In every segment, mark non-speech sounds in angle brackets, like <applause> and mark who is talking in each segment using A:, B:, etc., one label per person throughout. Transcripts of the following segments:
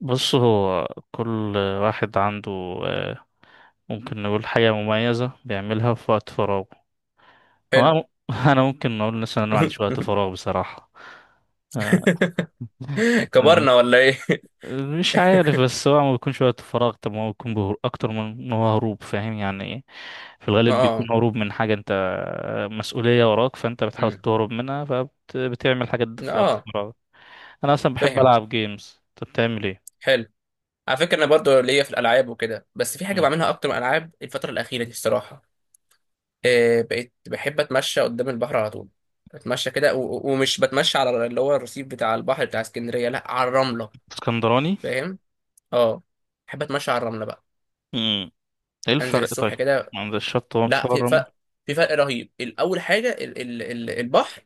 A: بص، هو كل واحد عنده آه، ممكن نقول حاجة مميزة بيعملها في وقت فراغه أو
B: حلو.
A: أنا. <laughs> أنا ممكن أقول مثلا أنا ما عنديش
B: <laughs>
A: وقت فراغ بصراحة. آه،
B: كبرنا
A: مش
B: ولا ايه؟ <laughs>
A: مش عارف، بس هو ما بيكونش وقت فراغ. طب ما هو بيكون أكتر من إن هو هروب. فاهم يعني إيه؟ في
B: ما
A: الغالب بيكون
B: اه
A: هروب من حاجة. أنت مسؤولية وراك، فأنت بتحاول
B: أمم.
A: تهرب منها، فبتعمل حاجات دي في وقت
B: اه،
A: فراغك. أنا أصلا بحب
B: فاهم.
A: ألعب جيمز، أنت بتعمل إيه؟
B: حلو. على فكره انا برضو ليا في الالعاب وكده، بس في حاجه
A: مم.
B: بعملها اكتر من الالعاب الفتره الاخيره دي الصراحه. بقيت بحب اتمشى قدام البحر على طول. اتمشى كده و- و- ومش بتمشى على اللي هو الرصيف بتاع البحر بتاع اسكندريه، لا، على الرمله.
A: اسكندراني؟
B: فاهم. اه، بحب اتمشى على الرمله بقى.
A: ايه
B: انزل
A: الفرق طيب؟
B: الصبح كده.
A: عند الشط، هو مش
B: لا،
A: هو
B: في
A: الرملة؟
B: فرق. في فرق رهيب. الاول حاجه ال ال ال البحر،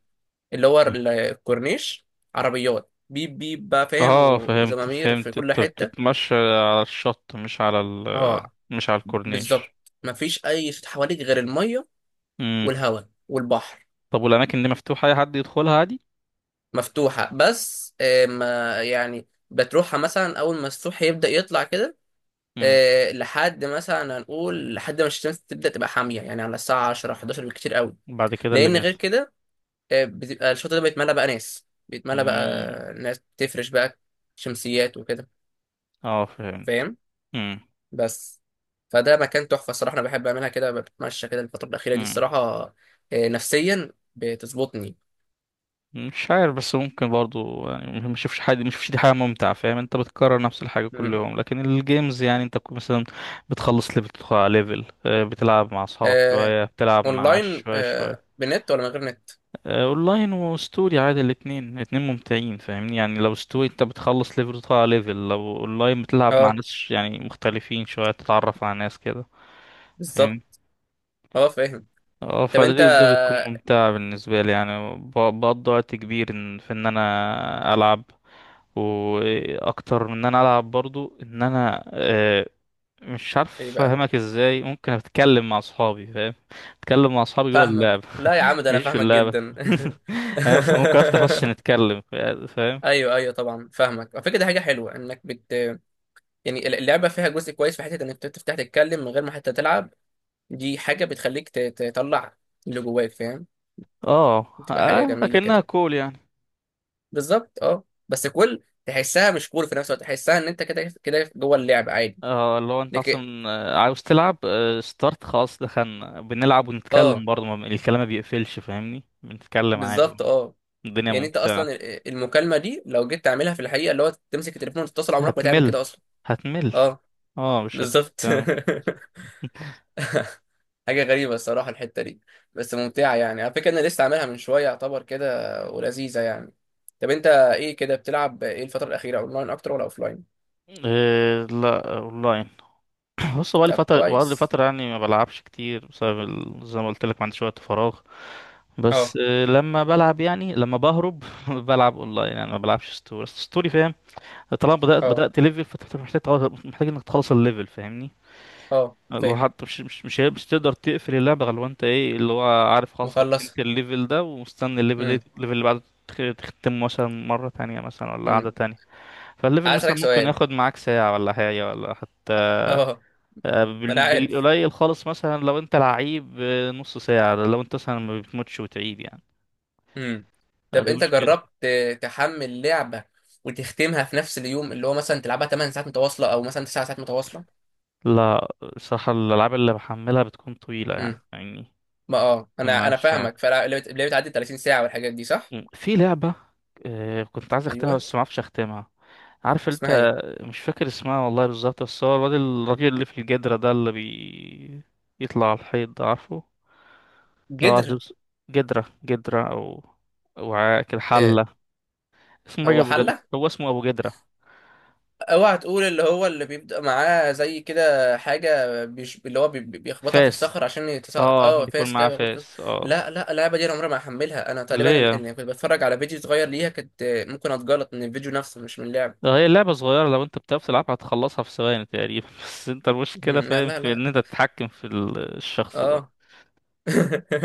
B: اللي هو
A: مم.
B: الكورنيش، عربيات بيب بيب بقى فاهم
A: اه،
B: و-
A: فهمت
B: وزمامير في
A: فهمت،
B: كل
A: انت
B: حتة.
A: بتتمشى على الشط
B: اه،
A: مش على
B: بالظبط.
A: الكورنيش.
B: مفيش أي صوت حواليك غير المية
A: امم.
B: والهواء والبحر.
A: طب والاماكن دي مفتوحة، اي حد يدخلها عادي؟
B: مفتوحة، بس ما يعني بتروحها مثلا أول ما الصبح يبدأ يطلع كده،
A: امم.
B: لحد مثلا هنقول لحد ما الشمس تبدأ تبقى حامية، يعني على الساعة 10 11 بالكتير قوي.
A: بعد كده اللي
B: لأن غير
A: بيحصل؟
B: كده، بتبقى الشاطئ ده بيتملى بقى ناس، بيتملى
A: امم.
B: بقى ناس بتفرش بقى شمسيات وكده.
A: اه فهمت.
B: فاهم.
A: امم.
B: بس، فده مكان تحفة الصراحة. أنا بحب أعملها كده، بتمشى كده الفترة الأخيرة دي
A: امم.
B: الصراحة. نفسيا بتظبطني.
A: مش عارف، بس ممكن برضو، يعني ما نشوفش حاجة، ما نشوفش دي حاجة ممتعة. فاهم، انت بتكرر نفس الحاجة كل
B: مم.
A: يوم، لكن الجيمز يعني انت مثلا بتخلص ليفل بتدخل على ليفل، بتلعب مع اصحابك
B: آه.
A: شوية، بتلعب مع
B: أونلاين،
A: شوية
B: آه،
A: شوية.
B: بنت ولا من غير نت؟
A: اونلاين وستوري عادي، الاتنين الاتنين ممتعين. فاهمني يعني، لو ستوري انت بتخلص ليفل وتطلع ليفل، لو اونلاين بتلعب مع
B: أه،
A: ناس يعني مختلفين شوية، تتعرف على ناس كده. فاهمني؟
B: بالظبط. أه، فاهم.
A: اه،
B: طب
A: فده
B: أنت
A: ده بتكون ممتعة بالنسبة لي. يعني بقضي وقت كبير في ان انا العب، واكتر من ان انا العب برضو ان انا، مش عارف
B: إيه بقى؟
A: افهمك ازاي. ممكن اتكلم مع اصحابي، فاهم، اتكلم مع اصحابي جوه
B: فاهمك.
A: اللعب،
B: لا يا عم، ده أنا
A: مش في
B: فاهمك
A: اللعبة.
B: جدا. <laughs>
A: <laughs> يعني مثلا ممكن افتح بس نتكلم، فاهم؟
B: ايوه ايوه طبعا، فاهمك. على فكره دي حاجه حلوه انك يعني اللعبه فيها جزء كويس، في حته انك تفتح تتكلم من غير ما حتى تلعب. دي حاجه بتخليك تطلع اللي جواك، فاهم؟
A: اه.
B: بتبقى حاجه جميله
A: اكنها
B: كده.
A: كول يعني.
B: بالظبط، اه. بس كل تحسها مش كول في نفس الوقت، تحسها ان انت كده كده جوه اللعب عادي.
A: اه، اللي هو انت
B: لكن
A: اصلا عاوز تلعب، ستارت خلاص دخلنا بنلعب، ونتكلم
B: اه،
A: برضه، الكلام ما بيقفلش فاهمني، بنتكلم عادي.
B: بالظبط اه.
A: الدنيا
B: يعني انت اصلا
A: ممتعة.
B: المكالمه دي لو جيت تعملها في الحقيقه، اللي هو تمسك التليفون وتتصل، عمرك ما تعمل
A: هتمل،
B: كده اصلا.
A: هتمل.
B: اه،
A: اه مش
B: بالظبط.
A: هتكلم.
B: <laughs> حاجه غريبه الصراحه الحته دي. بس ممتعه يعني. على فكره انا لسه عاملها من شويه يعتبر كده، ولذيذه يعني. طب انت ايه كده، بتلعب ايه الفتره الاخيره، اونلاين اكتر ولا اوفلاين؟
A: إيه، لا اونلاين. بص، بقالي
B: طب
A: فترة بقالي
B: كويس.
A: فترة يعني ما بلعبش كتير بسبب زي ما قلت لك ما عنديش وقت فراغ. بس
B: اه
A: لما بلعب، يعني لما بهرب <laughs> بلعب اونلاين، يعني ما بلعبش ستوري. أصل ستوري، فاهم، طالما بدأت
B: اه،
A: بدأت ليفل فانت محتاج انك تخلص الليفل، فاهمني.
B: اه
A: اللي هو
B: فاهم.
A: حتى مش تقدر تقفل اللعبة غير لو انت ايه اللي هو عارف، خلاص ختمت
B: مخلص.
A: الليفل ده ومستني الليفل، ايه الليفل اللي بعده؟ تختمه مثلا مرة تانية، مثلا ولا قعدة
B: امم.
A: تانية. فالليفل
B: عايز
A: مثلا
B: اسالك
A: ممكن
B: سؤال.
A: ياخد معاك ساعة ولا حاجة، ولا حتى
B: <laughs> اه. ما انا عارف.
A: بالقليل خالص. مثلا لو انت لعيب، نص ساعة، لو انت مثلا ما بتموتش وتعيد يعني.
B: امم. طب
A: دي
B: انت جربت
A: مشكلة.
B: تحمل لعبه وتختمها في نفس اليوم، اللي هو مثلا تلعبها 8 ساعات متواصله، او مثلا 9 ساعات متواصله؟
A: لا، صراحة الألعاب اللي بحملها بتكون طويلة يعني
B: امم.
A: يعني.
B: ما اه انا
A: مش
B: فاهمك. فاللعبه بتعدي 30 ساعه والحاجات دي صح؟
A: في لعبة كنت عايز أختمها
B: ايوه،
A: بس معرفش أختمها، عارف
B: اسمها ايه؟
A: أنت. مش فاكر اسمها والله بالظبط، بس هو الواد الراجل اللي في الجدرة ده اللي يطلع على الحيط ده، عارفه، اللي هو
B: جدر.
A: جدرة جدرة، أو وعاء كده،
B: آه.
A: حلة. اسمه راجل
B: هو
A: أبو جدرة،
B: حله.
A: هو اسمه أبو جدرة.
B: اوعى تقول، اللي هو اللي بيبدأ معاه زي كده حاجة اللي هو بيخبطها في
A: فاس،
B: الصخر عشان يتساقط.
A: اه
B: اه،
A: بيكون
B: فاس كده
A: معاه
B: بيخبطها في الصخر.
A: فاس اه.
B: لا لا، اللعبة دي انا عمري ما هحملها. انا تقريبا
A: ليه يعني؟
B: اللي كنت بتفرج على فيديو صغير ليها كنت ممكن اتجلط من الفيديو نفسه مش من اللعبة.
A: ده هي اللعبة صغيرة، لو انت بتعرف تلعبها هتخلصها في ثواني تقريبا. <laughs> بس انت المشكلة
B: مم، لا
A: فاهم
B: لا
A: في
B: لا.
A: ان انت تتحكم في الشخص ده.
B: اه. <laughs>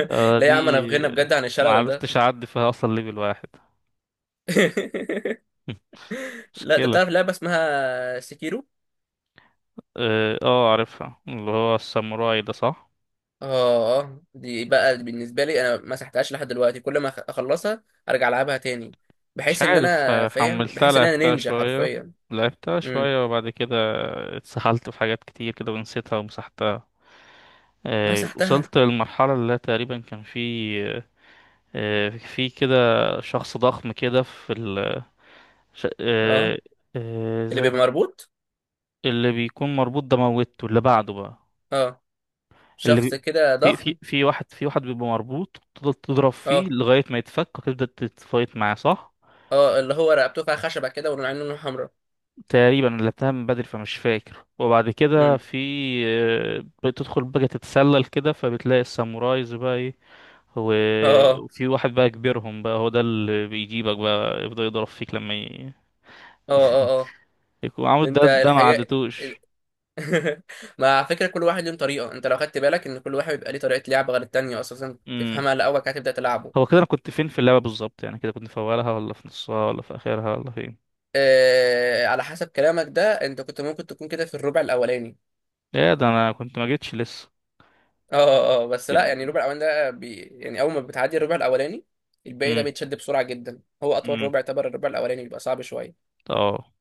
A: آه
B: لا يا عم، انا
A: دي،
B: في غنى بجد عن
A: ما
B: الشلل ده.
A: عرفتش اعدي فيها اصلا ليفل واحد.
B: <laughs>
A: <laughs>
B: لا انت
A: مشكلة.
B: بتعرف لعبة اسمها سكيرو؟
A: اه اه، عارفها، اللي هو الساموراي ده صح.
B: اه اه، دي بقى بالنسبه لي انا ما مسحتهاش لحد دلوقتي. كل ما اخلصها ارجع العبها تاني.
A: مش
B: بحيث ان
A: عارف،
B: انا فاهم،
A: حملتها
B: بحيث ان انا
A: لعبتها
B: نينجا
A: شوية،
B: حرفيا.
A: لعبتها
B: امم.
A: شوية وبعد كده اتسحلت في حاجات كتير كده ونسيتها ومسحتها.
B: مسحتها.
A: وصلت للمرحلة اللي تقريبا كان في آه، في كده شخص ضخم كده في ش...
B: اه،
A: آه...
B: اللي
A: زي
B: بيبقى
A: ما
B: مربوط.
A: اللي بيكون مربوط ده، موتته اللي بعده بقى.
B: اه،
A: اللي
B: شخص
A: بي...
B: كده
A: في في
B: ضخم.
A: في واحد بيبقى مربوط، تفضل تضرب فيه
B: اه
A: لغاية ما يتفك، وتبدأ تتفايت معاه صح؟
B: اه، اللي هو رقبته فيها خشبه كده والعين لونها حمراء.
A: تقريبا اللي اتهم من بدري، فمش فاكر. وبعد كده
B: امم.
A: في بتدخل بقى تتسلل كده، فبتلاقي السامورايز بقى ايه،
B: اه اه
A: وفي واحد بقى كبيرهم بقى، هو ده اللي بيجيبك بقى، يفضل يضرب فيك لما
B: اه. اه، آه.
A: يكون
B: ده
A: عامل ده،
B: انت
A: ما
B: الحاجه ال-
A: عدتوش.
B: <laughs> مع فكره كل واحد له طريقه. انت لو خدت بالك، ان كل واحد بيبقى ليه طريقه لعب غير التانيه، اساسا تفهمها الاول كده تبدا
A: هو
B: تلعبه.
A: كده انا كنت فين في اللعبه بالظبط يعني؟ كده كنت في اولها، ولا في نصها، ولا في اخرها، ولا فين؟
B: على حسب كلامك ده انت كنت ممكن تكون كده في الربع الاولاني.
A: ايه ده، انا كنت ما جيتش لسه.
B: اه اه اه، بس لا يعني الربع الاولاني ده بي يعني اول ما بتعدي الربع الاولاني، الباقي ده
A: امم.
B: بيتشد بسرعه جدا. هو اطول
A: امم.
B: ربع يعتبر الربع الاولاني، بيبقى صعب شويه.
A: اه.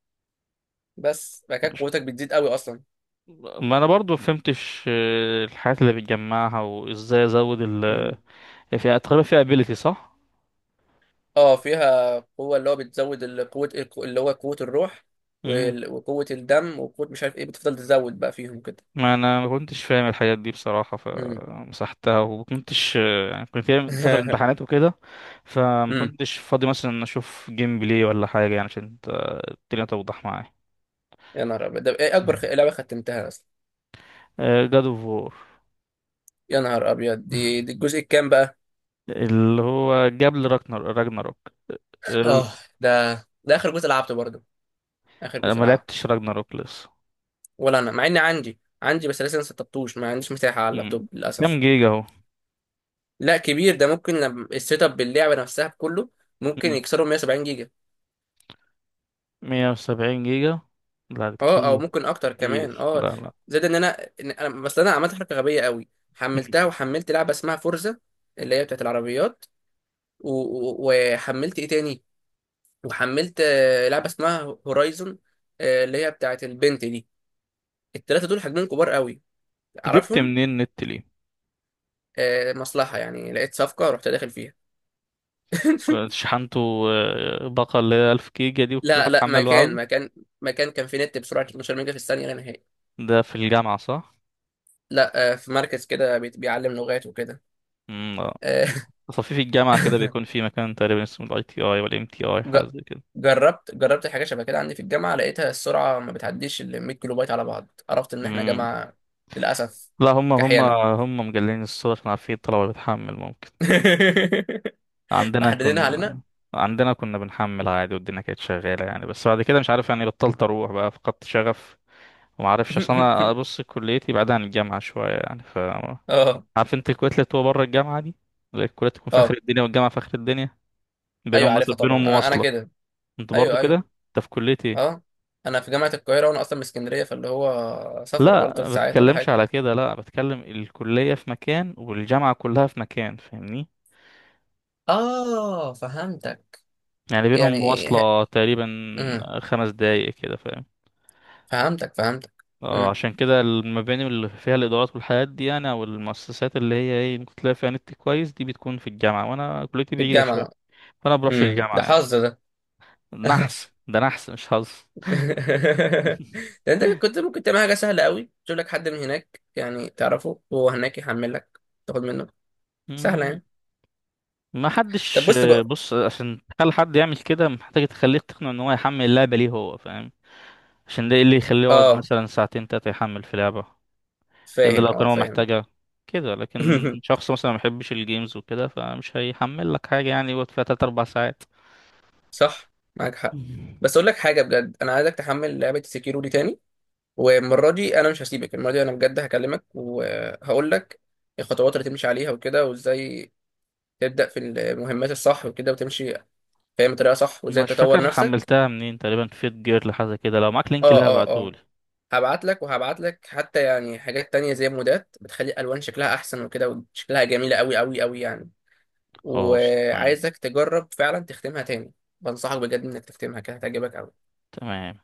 B: بس بعد كده
A: ماشي.
B: قوتك بتزيد قوي اصلا.
A: ما انا برضو ما فهمتش، الحاجات اللي بتجمعها وازاي ازود ال
B: امم.
A: فيها. تقريبا فيها ابيليتي صح.
B: اه، فيها قوه اللي هو بتزود قوه اللي هو قوه الروح
A: امم.
B: وقوه الدم وقوه مش عارف ايه، بتفضل تزود بقى فيهم كده.
A: ما انا ما كنتش فاهم الحاجات دي بصراحه،
B: امم.
A: فمسحتها، وما كنتش يعني كنت في فتره
B: <laughs>
A: امتحانات وكده، فما
B: امم.
A: كنتش فاضي مثلا اشوف جيم بلاي ولا حاجه، يعني عشان الدنيا توضح معايا.
B: يا نهار ابيض ده ايه، اكبر لعبه ختمتها اصلا.
A: جاد اوف وور.
B: يا نهار ابيض، دي الجزء الكام بقى؟
A: اللي هو جاب لي راجنر راجناروك ال-
B: اه، ده ده اخر جزء لعبته برضه. اخر
A: أنا
B: جزء
A: ما
B: لعبته.
A: لعبتش راجناروك لسه.
B: ولا انا، مع اني عندي عندي، بس لسه ما سطبتوش ما عنديش مساحه على اللابتوب
A: مم. كام
B: للاسف.
A: جيجا اهو؟
B: لا، كبير ده. ممكن لما السيت اب باللعبه نفسها بكله، ممكن
A: مم.
B: يكسروا 170 جيجا.
A: 170 جيجا؟ لا ده
B: اه، او
A: كتير،
B: ممكن اكتر كمان
A: كتير،
B: اه.
A: لا لا.
B: زائد ان انا، إن انا بس انا عملت حركه غبيه قوي،
A: مم.
B: حملتها وحملت لعبه اسمها فورزا، اللي هي بتاعت العربيات. و... و- وحملت ايه تاني، وحملت لعبه اسمها هورايزون، اللي هي بتاعت البنت دي. التلاته دول حجمهم كبار قوي،
A: جبت
B: اعرفهم.
A: منين النت ليه؟
B: مصلحة يعني، لقيت صفقة رحت داخل فيها. <laughs>
A: كنت شحنته باقة اللي هي 1000 جيجا دي، وكل
B: لا
A: واحد
B: لا،
A: حمل وعلي؟
B: مكان كان في نت بسرعة 12 ميجا في الثانية لا نهائي.
A: ده في الجامعة صح؟
B: لا في مركز كده بيعلم لغات وكده.
A: مم، آه.
B: آه،
A: تصفيف الجامعة كده بيكون
B: <laughs>
A: في مكان تقريبا اسمه الاي تي اي ولا ام تي اي،
B: ج-
A: حاجة زي كده.
B: جربت حاجة شبه كده عندي في الجامعة، لقيتها السرعة ما بتعديش ال 100 كيلو بايت على بعض. عرفت إن إحنا
A: مم.
B: جامعة للأسف
A: لا، هم هم
B: كحيانة.
A: هم مجلين الصورة عشان عارفين الطلبة بتحمل، ممكن.
B: <laughs>
A: عندنا
B: محددينها علينا.
A: كنا عندنا كنا بنحمل عادي والدنيا كانت شغالة يعني، بس بعد كده مش عارف يعني، بطلت أروح بقى، فقدت شغف. ومعرفش أصل أنا
B: <laughs>
A: أبص كليتي بعيدة عن الجامعة شوية يعني، ف
B: اه
A: عارف أنت الكويت اللي بتبقى بره الجامعة دي، اللي الكلية تكون في آخر
B: اه،
A: الدنيا والجامعة في آخر الدنيا،
B: ايوه
A: بينهم مثلا
B: عارفها طبعا.
A: بينهم
B: انا
A: مواصلة.
B: كده.
A: أنت برضو
B: ايوه
A: كده؟
B: ايوه،
A: أنت في كلية إيه؟
B: اه. انا في جامعه القاهره وانا اصلا من اسكندريه، فاللي هو سفر
A: لا
B: برضه ثلاث
A: ما
B: ساعات ولا
A: بتكلمش
B: حاجه.
A: على كده، لا بتكلم الكلية في مكان والجامعة كلها في مكان فاهمني،
B: اه، فهمتك.
A: يعني بينهم
B: يعني إيه؟
A: مواصلة تقريبا
B: امم.
A: 5 دقايق كده.
B: فهمتك فهمتك.
A: اه،
B: امم.
A: عشان كده المباني اللي فيها الادارات والحاجات دي يعني، او المؤسسات اللي هي ايه ممكن تلاقي فيها نت كويس، دي بتكون في الجامعه، وانا كليتي
B: في
A: بعيده شويه،
B: الجامعه.
A: فانا بروحش
B: امم، ده
A: الجامعه يعني.
B: حظ ده.
A: نحس
B: <laughs>
A: ده، نحس مش حظ. <laughs>
B: ده انت كنت ممكن تعمل حاجه سهله قوي، تجيب لك حد من هناك يعني تعرفه وهو هناك يحمل لك، تاخد منه. سهله
A: مم،
B: يعني.
A: ما
B: طب
A: حدش.
B: بص بقى.
A: بص، عشان تخلي حد يعمل كده محتاج تخليه تقنع ان هو يحمل اللعبه، ليه هو فاهم عشان ده، إيه اللي يخليه يقعد
B: اه
A: مثلا 2 3 يحمل في لعبه الا
B: فاهم،
A: لو كان
B: اه
A: هو
B: فاهم.
A: محتاجها كده. لكن
B: <laughs>
A: شخص مثلا ما بيحبش الجيمز وكده، فمش هيحمل لك حاجه يعني يقعد فيها 3 4 ساعات.
B: صح، معاك حق. بس
A: <laughs>
B: اقول لك حاجه بجد، انا عايزك تحمل لعبه سكيرو دي تاني. والمرة دي أنا مش هسيبك، المرة دي أنا بجد هكلمك وهقول لك الخطوات اللي تمشي عليها وكده، وإزاي تبدأ في المهمات الصح وكده وتمشي فاهم بطريقة صح، وإزاي
A: مش
B: تطور
A: فاكر
B: نفسك.
A: حملتها منين، تقريبا فيت جير لحاجة كده، لو معاك لينك
B: اه
A: لها
B: اه اه،
A: ابعتهولي.
B: هبعت لك. وهبعت لك حتى يعني حاجات تانية زي مودات بتخلي الألوان شكلها أحسن وكده، وشكلها جميلة أوي أوي أوي يعني.
A: خلاص تمام.
B: وعايزك تجرب فعلا تختمها تاني. بنصحك بجد إنك تختمها، كده هتعجبك أوي.
A: تمام.